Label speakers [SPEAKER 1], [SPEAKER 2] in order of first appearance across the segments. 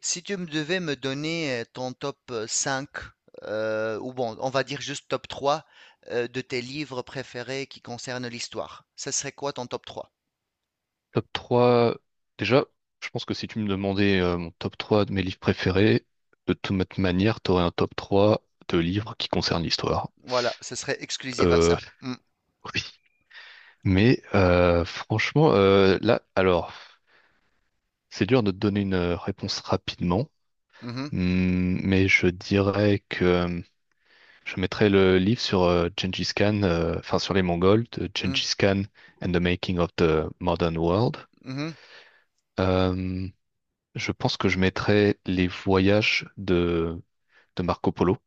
[SPEAKER 1] Si tu me donner ton top 5, ou bon, on va dire juste top 3 de tes livres préférés qui concernent l'histoire, ce serait quoi ton top trois.
[SPEAKER 2] Top 3. Déjà, je pense que si tu me demandais mon top 3 de mes livres préférés, de toute manière, t'aurais un top 3 de livres qui concernent l'histoire.
[SPEAKER 1] Voilà, ce serait exclusif à
[SPEAKER 2] Euh,
[SPEAKER 1] ça. Mm.
[SPEAKER 2] oui. Mais franchement, là, alors, c'est dur de te donner une réponse rapidement.
[SPEAKER 1] mhm,
[SPEAKER 2] Mais je dirais que je mettrais le livre sur Gengis Khan, enfin sur les Mongols, de
[SPEAKER 1] mhm,
[SPEAKER 2] Gengis Khan and the Making of the Modern World.
[SPEAKER 1] mhm.
[SPEAKER 2] Euh, Je pense que je mettrais les voyages de Marco Polo.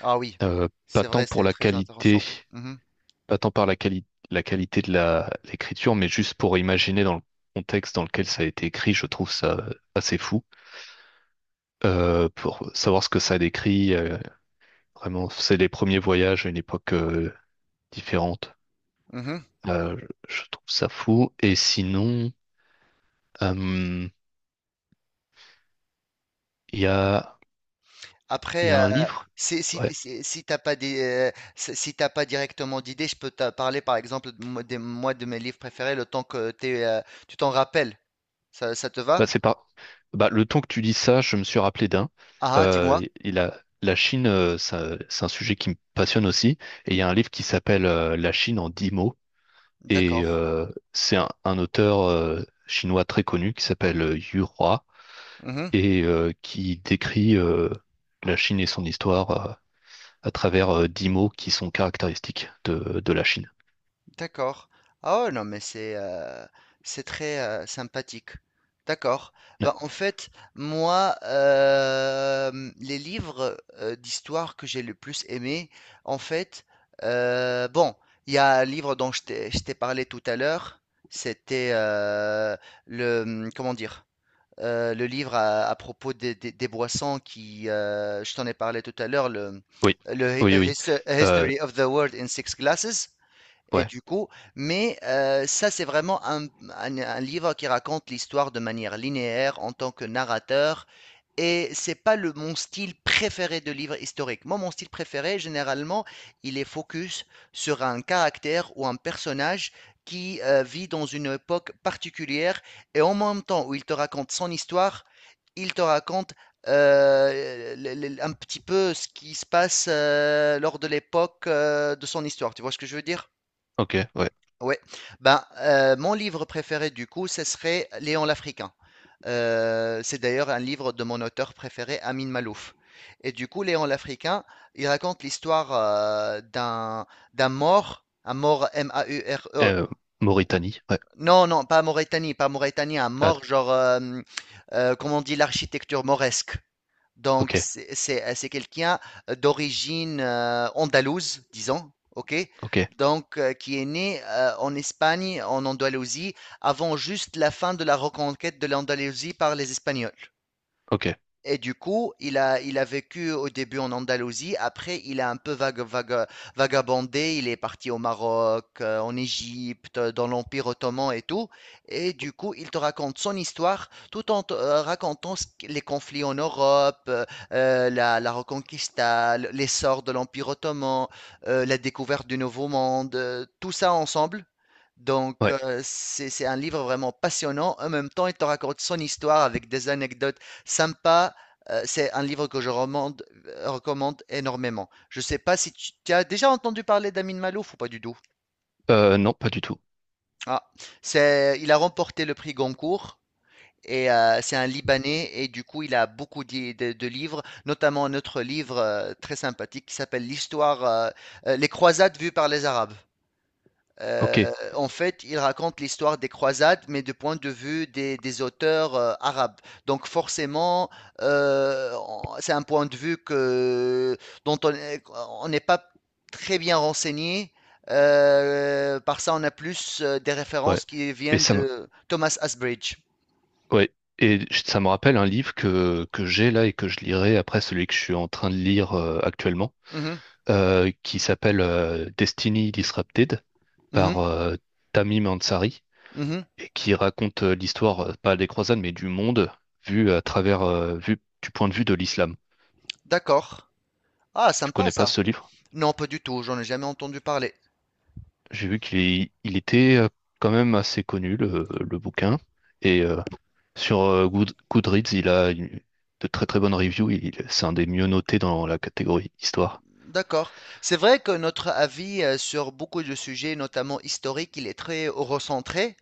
[SPEAKER 1] Ah oui,
[SPEAKER 2] Pas
[SPEAKER 1] c'est
[SPEAKER 2] tant
[SPEAKER 1] vrai,
[SPEAKER 2] pour
[SPEAKER 1] c'est
[SPEAKER 2] la
[SPEAKER 1] très
[SPEAKER 2] qualité,
[SPEAKER 1] intéressant. Mhm,
[SPEAKER 2] pas tant par la quali- la qualité l'écriture, mais juste pour imaginer dans le contexte dans lequel ça a été écrit, je trouve ça assez fou. Pour savoir ce que ça décrit, vraiment, c'est les premiers voyages à une époque différente.
[SPEAKER 1] mhm.
[SPEAKER 2] Euh, je trouve ça fou. Et sinon, euh, il y a, il
[SPEAKER 1] Après,
[SPEAKER 2] y a un livre.
[SPEAKER 1] si, si,
[SPEAKER 2] Ouais.
[SPEAKER 1] si, si t'as pas si t'as pas directement d'idée, je peux te parler par exemple de, moi moi, de mes livres préférés le temps que tu t'en rappelles. Ça te
[SPEAKER 2] Bah,
[SPEAKER 1] va?
[SPEAKER 2] c'est pas... Bah, le temps que tu dis ça, je me suis rappelé d'un.
[SPEAKER 1] Ah, hein, dis-moi.
[SPEAKER 2] Et la Chine, c'est un sujet qui me passionne aussi. Et il y a un livre qui s'appelle La Chine en 10 mots. Et
[SPEAKER 1] D'accord.
[SPEAKER 2] c'est un auteur chinois très connu qui s'appelle Yu Hua,
[SPEAKER 1] Mhm,
[SPEAKER 2] et qui décrit la Chine et son histoire à travers 10 mots qui sont caractéristiques de la Chine.
[SPEAKER 1] d'accord. Ah ouais, non, mais c'est très sympathique. D'accord.
[SPEAKER 2] Ouais.
[SPEAKER 1] Ben en fait, moi, les livres d'histoire que j'ai le plus aimé, en fait, bon, il y a un livre dont je t'ai parlé tout à l'heure, c'était comment dire, le livre à propos des boissons je t'en ai parlé tout à l'heure,
[SPEAKER 2] Oui,
[SPEAKER 1] le
[SPEAKER 2] oui, oui. Euh,
[SPEAKER 1] History of the World in Six Glasses. Et
[SPEAKER 2] Ouais,
[SPEAKER 1] du coup, mais ça, c'est vraiment un livre qui raconte l'histoire de manière linéaire en tant que narrateur et c'est pas le mon style préféré de livre historique. Moi, mon style préféré, généralement, il est focus sur un caractère ou un personnage qui vit dans une époque particulière et en même temps où il te raconte son histoire, il te raconte un petit peu ce qui se passe lors de l'époque de son histoire. Tu vois ce que je veux dire?
[SPEAKER 2] ok, ouais.
[SPEAKER 1] Ouais. Ben, mon livre préféré, du coup, ce serait Léon l'Africain. C'est d'ailleurs un livre de mon auteur préféré, Amin Malouf. Et du coup, Léon l'Africain, il raconte l'histoire d'un mort, un mort M-A-U-R-E.
[SPEAKER 2] Euh, Mauritanie, ouais.
[SPEAKER 1] Non, non, pas Mauritanie, pas Mauritanie, un
[SPEAKER 2] Ah, d-
[SPEAKER 1] mort genre, comment on dit, l'architecture mauresque. Donc,
[SPEAKER 2] ok,
[SPEAKER 1] c'est quelqu'un d'origine andalouse, disons, ok?
[SPEAKER 2] ok,
[SPEAKER 1] Donc, qui est né en Espagne, en Andalousie, avant juste la fin de la reconquête de l'Andalousie par les Espagnols.
[SPEAKER 2] ok,
[SPEAKER 1] Et du coup, il a vécu au début en Andalousie, après il a un peu vagabondé, il est parti au Maroc, en Égypte, dans l'Empire ottoman et tout. Et du coup, il te raconte son histoire tout en te racontant les conflits en Europe, la Reconquista, l'essor de l'Empire ottoman, la découverte du Nouveau Monde, tout ça ensemble. Donc,
[SPEAKER 2] ouais.
[SPEAKER 1] c'est un livre vraiment passionnant. En même temps, il te raconte son histoire avec des anecdotes sympas. C'est un livre que je recommande, recommande énormément. Je ne sais pas si tu as déjà entendu parler d'Amin Malouf ou pas du tout.
[SPEAKER 2] Non, pas du tout.
[SPEAKER 1] Ah, c'est, il a remporté le prix Goncourt. Et c'est un Libanais et du coup il a beaucoup de livres, notamment notre livre très sympathique qui s'appelle L'histoire, les croisades vues par les Arabes. Euh,
[SPEAKER 2] Ok,
[SPEAKER 1] en fait, il raconte l'histoire des croisades, mais du point de vue des auteurs arabes. Donc forcément, c'est un point de vue dont on est- on n'est pas très bien renseigné. Par ça, on a plus des
[SPEAKER 2] ouais.
[SPEAKER 1] références qui
[SPEAKER 2] Mais
[SPEAKER 1] viennent
[SPEAKER 2] ça me,
[SPEAKER 1] de Thomas Asbridge.
[SPEAKER 2] ouais. Ça me rappelle un livre que j'ai là et que je lirai après celui que je suis en train de lire actuellement,
[SPEAKER 1] Mhm,
[SPEAKER 2] qui s'appelle Destiny Disrupted
[SPEAKER 1] mhm,
[SPEAKER 2] par Tamim Ansari,
[SPEAKER 1] mhm.
[SPEAKER 2] et qui raconte l'histoire, pas des croisades, mais du monde vu à travers, vu du point de vue de l'islam.
[SPEAKER 1] D'accord. Ah,
[SPEAKER 2] Tu
[SPEAKER 1] sympa
[SPEAKER 2] connais pas
[SPEAKER 1] ça.
[SPEAKER 2] ce livre?
[SPEAKER 1] Non, pas du tout, j'en ai jamais entendu parler.
[SPEAKER 2] J'ai vu il était quand même assez connu, le bouquin. Et sur Goodreads, de très très bonnes reviews. Il, c'est un des mieux notés dans la catégorie histoire.
[SPEAKER 1] D'accord. C'est vrai que notre avis sur beaucoup de sujets, notamment historiques, il est très recentré.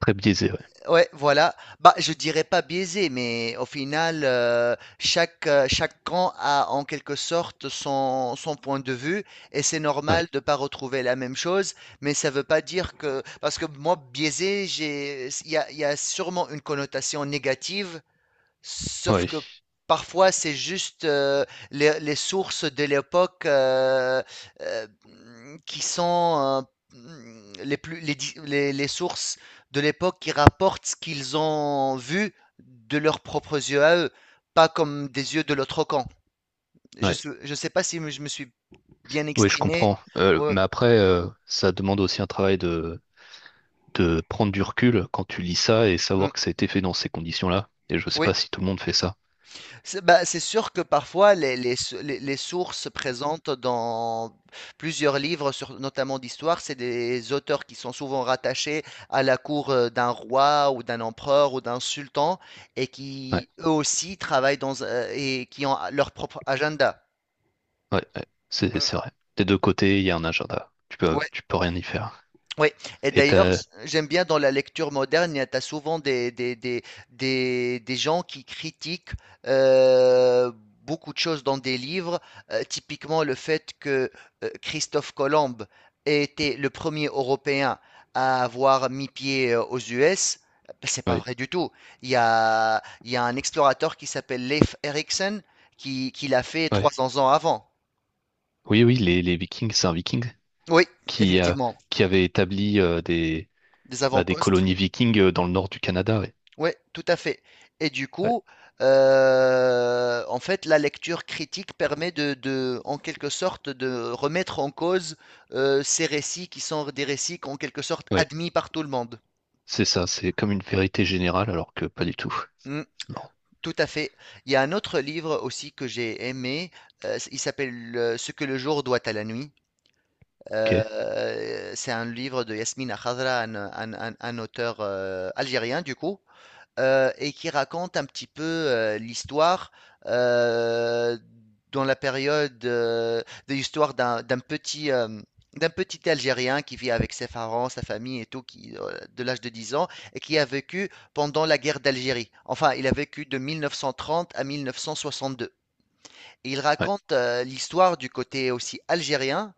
[SPEAKER 2] Très biaisé, ouais.
[SPEAKER 1] Ouais, voilà. Bah, je dirais pas biaisé, mais au final, chaque camp a en quelque sorte son point de vue, et c'est normal
[SPEAKER 2] Ouais,
[SPEAKER 1] de pas retrouver la même chose, mais ça veut pas dire que, parce que moi, biaisé, il y a sûrement une connotation négative. Sauf
[SPEAKER 2] ouais,
[SPEAKER 1] que parfois, c'est juste, les sources de l'époque, mmh, qui sont, mmh, les plus les di les sources de l'époque qui rapportent ce qu'ils ont vu de leurs propres yeux à eux, pas comme des yeux de l'autre camp.
[SPEAKER 2] ouais.
[SPEAKER 1] Je sais pas si je me suis bien
[SPEAKER 2] Oui, je
[SPEAKER 1] exprimé?
[SPEAKER 2] comprends.
[SPEAKER 1] Ouais,
[SPEAKER 2] Mais après, ça demande aussi un travail de prendre du recul quand tu lis ça et
[SPEAKER 1] mmh,
[SPEAKER 2] savoir que ça a été fait dans ces conditions-là. Et je sais
[SPEAKER 1] oui.
[SPEAKER 2] pas si tout le monde fait ça.
[SPEAKER 1] C'est bah, c'est sûr que parfois les sources présentes dans plusieurs livres, notamment d'histoire, c'est des auteurs qui sont souvent rattachés à la cour d'un roi ou d'un empereur ou d'un sultan et
[SPEAKER 2] Ouais,
[SPEAKER 1] qui eux aussi travaillent et qui ont leur propre agenda.
[SPEAKER 2] ouais, ouais, c'est vrai. Des deux côtés, il y a un agenda.
[SPEAKER 1] Ouais.
[SPEAKER 2] Tu peux rien y faire.
[SPEAKER 1] Oui, et
[SPEAKER 2] Et
[SPEAKER 1] d'ailleurs,
[SPEAKER 2] t'as,
[SPEAKER 1] j'aime bien dans la lecture moderne, tu as souvent des gens qui critiquent euh, beaucoup de choses dans des livres, typiquement le fait que Christophe Colomb ait été le premier Européen à avoir mis pied aux US. Ben, c'est pas
[SPEAKER 2] oui,
[SPEAKER 1] vrai du tout. Il y a un explorateur qui s'appelle Leif Erikson qui l'a fait trois
[SPEAKER 2] ouais.
[SPEAKER 1] cents ans avant.
[SPEAKER 2] Oui, oui, les Vikings, c'est un Viking
[SPEAKER 1] Oui,
[SPEAKER 2] qui, euh,
[SPEAKER 1] effectivement,
[SPEAKER 2] qui avait établi
[SPEAKER 1] des
[SPEAKER 2] bah, des
[SPEAKER 1] avant-postes.
[SPEAKER 2] colonies vikings dans le nord du Canada. Ouais,
[SPEAKER 1] Ouais, tout à fait. Et du
[SPEAKER 2] ouais,
[SPEAKER 1] coup, en fait, la lecture critique permet en quelque sorte, de remettre en cause ces récits qui sont des récits en quelque sorte
[SPEAKER 2] ouais.
[SPEAKER 1] admis par tout le monde.
[SPEAKER 2] C'est ça. C'est comme une vérité générale, alors que pas du tout.
[SPEAKER 1] Mm,
[SPEAKER 2] C'est marrant.
[SPEAKER 1] tout à fait. Il y a un autre livre aussi que j'ai aimé. Euh, il s'appelle Ce que le jour doit à la nuit.
[SPEAKER 2] Ok.
[SPEAKER 1] C'est un livre de Yasmine Khadra, un auteur algérien, du coup. Euh, et qui raconte un petit peu l'histoire euh, dans la période de l'histoire d'un petit Algérien qui vit avec ses parents, sa famille et tout, qui de l'âge de 10 ans et qui a vécu pendant la guerre d'Algérie. Enfin, il a vécu de 1930 à 1962. Et il
[SPEAKER 2] Ouais.
[SPEAKER 1] raconte l'histoire du côté aussi algérien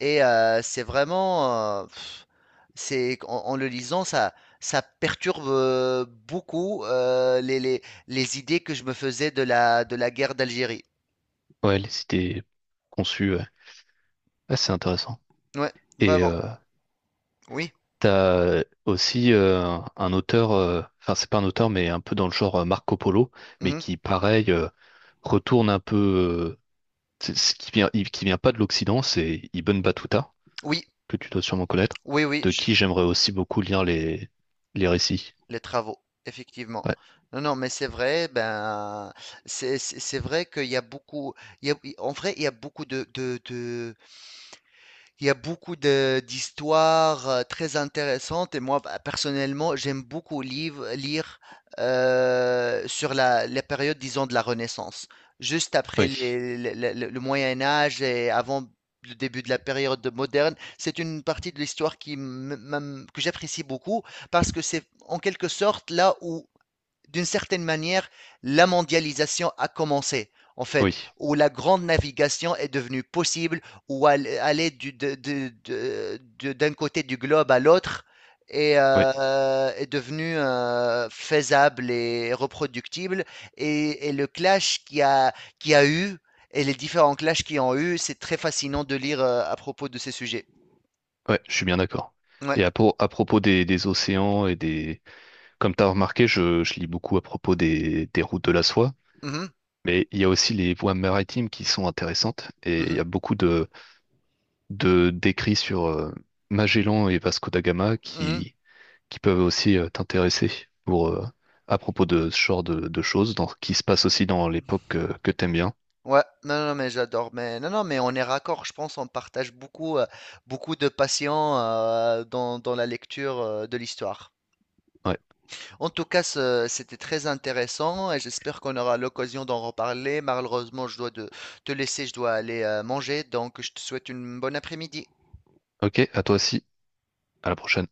[SPEAKER 1] et c'est vraiment, c'est en, en le lisant ça, ça perturbe beaucoup les idées que je me faisais de la guerre d'Algérie.
[SPEAKER 2] Ouais, les cités conçues, ouais. Ouais, c'est intéressant.
[SPEAKER 1] Ouais,
[SPEAKER 2] Et
[SPEAKER 1] vraiment. Oui.
[SPEAKER 2] t'as aussi un auteur, enfin c'est pas un auteur, mais un peu dans le genre Marco Polo, mais
[SPEAKER 1] mhm.
[SPEAKER 2] qui pareil retourne un peu, ce qui vient, qui vient pas de l'Occident, c'est Ibn Battuta.
[SPEAKER 1] Oui,
[SPEAKER 2] Que tu dois sûrement connaître,
[SPEAKER 1] oui, oui.
[SPEAKER 2] de qui j'aimerais aussi beaucoup lire les récits.
[SPEAKER 1] Les travaux, effectivement.
[SPEAKER 2] Ouais.
[SPEAKER 1] Non, non, mais c'est vrai. Ben, c'est vrai qu'il y a beaucoup. il y a- En vrai, il y a beaucoup de. Il y a beaucoup de d'histoires très intéressantes et moi bah, personnellement j'aime beaucoup lire sur la période disons de la Renaissance, juste après
[SPEAKER 2] Oui,
[SPEAKER 1] le Moyen Âge et avant le début de la période moderne. C'est une partie de l'histoire que j'apprécie beaucoup parce que c'est en quelque sorte là où d'une certaine manière, la mondialisation a commencé, en
[SPEAKER 2] oui,
[SPEAKER 1] fait, où la grande navigation est devenue possible, où aller d'un côté du globe à l'autre
[SPEAKER 2] oui,
[SPEAKER 1] est devenu faisable et reproductible. Et le clash qui a eu, et les différents clashs qui ont eu, c'est très fascinant de lire à propos de ces sujets.
[SPEAKER 2] ouais, je suis bien d'accord.
[SPEAKER 1] Ouais.
[SPEAKER 2] À propos des océans comme tu as remarqué, je lis beaucoup à propos des routes de la soie,
[SPEAKER 1] Mhm.
[SPEAKER 2] mais il y a aussi les voies maritimes qui sont intéressantes et il y
[SPEAKER 1] Mhm.
[SPEAKER 2] a beaucoup d'écrits sur Magellan et Vasco da Gama
[SPEAKER 1] Mhm.
[SPEAKER 2] qui peuvent aussi t'intéresser pour, à propos de ce genre de choses dans, qui se passe aussi dans l'époque que t'aimes bien.
[SPEAKER 1] Ouais, non, non, mais j'adore. Mais non, non, mais on est raccord. Je pense on partage beaucoup, beaucoup de passion dans la lecture de l'histoire.
[SPEAKER 2] Ouais.
[SPEAKER 1] En tout cas, c'était très intéressant et j'espère qu'on aura l'occasion d'en reparler. Malheureusement, te laisser, je dois aller manger, donc je te souhaite une bonne après-midi.
[SPEAKER 2] Ok, à toi aussi. À la prochaine.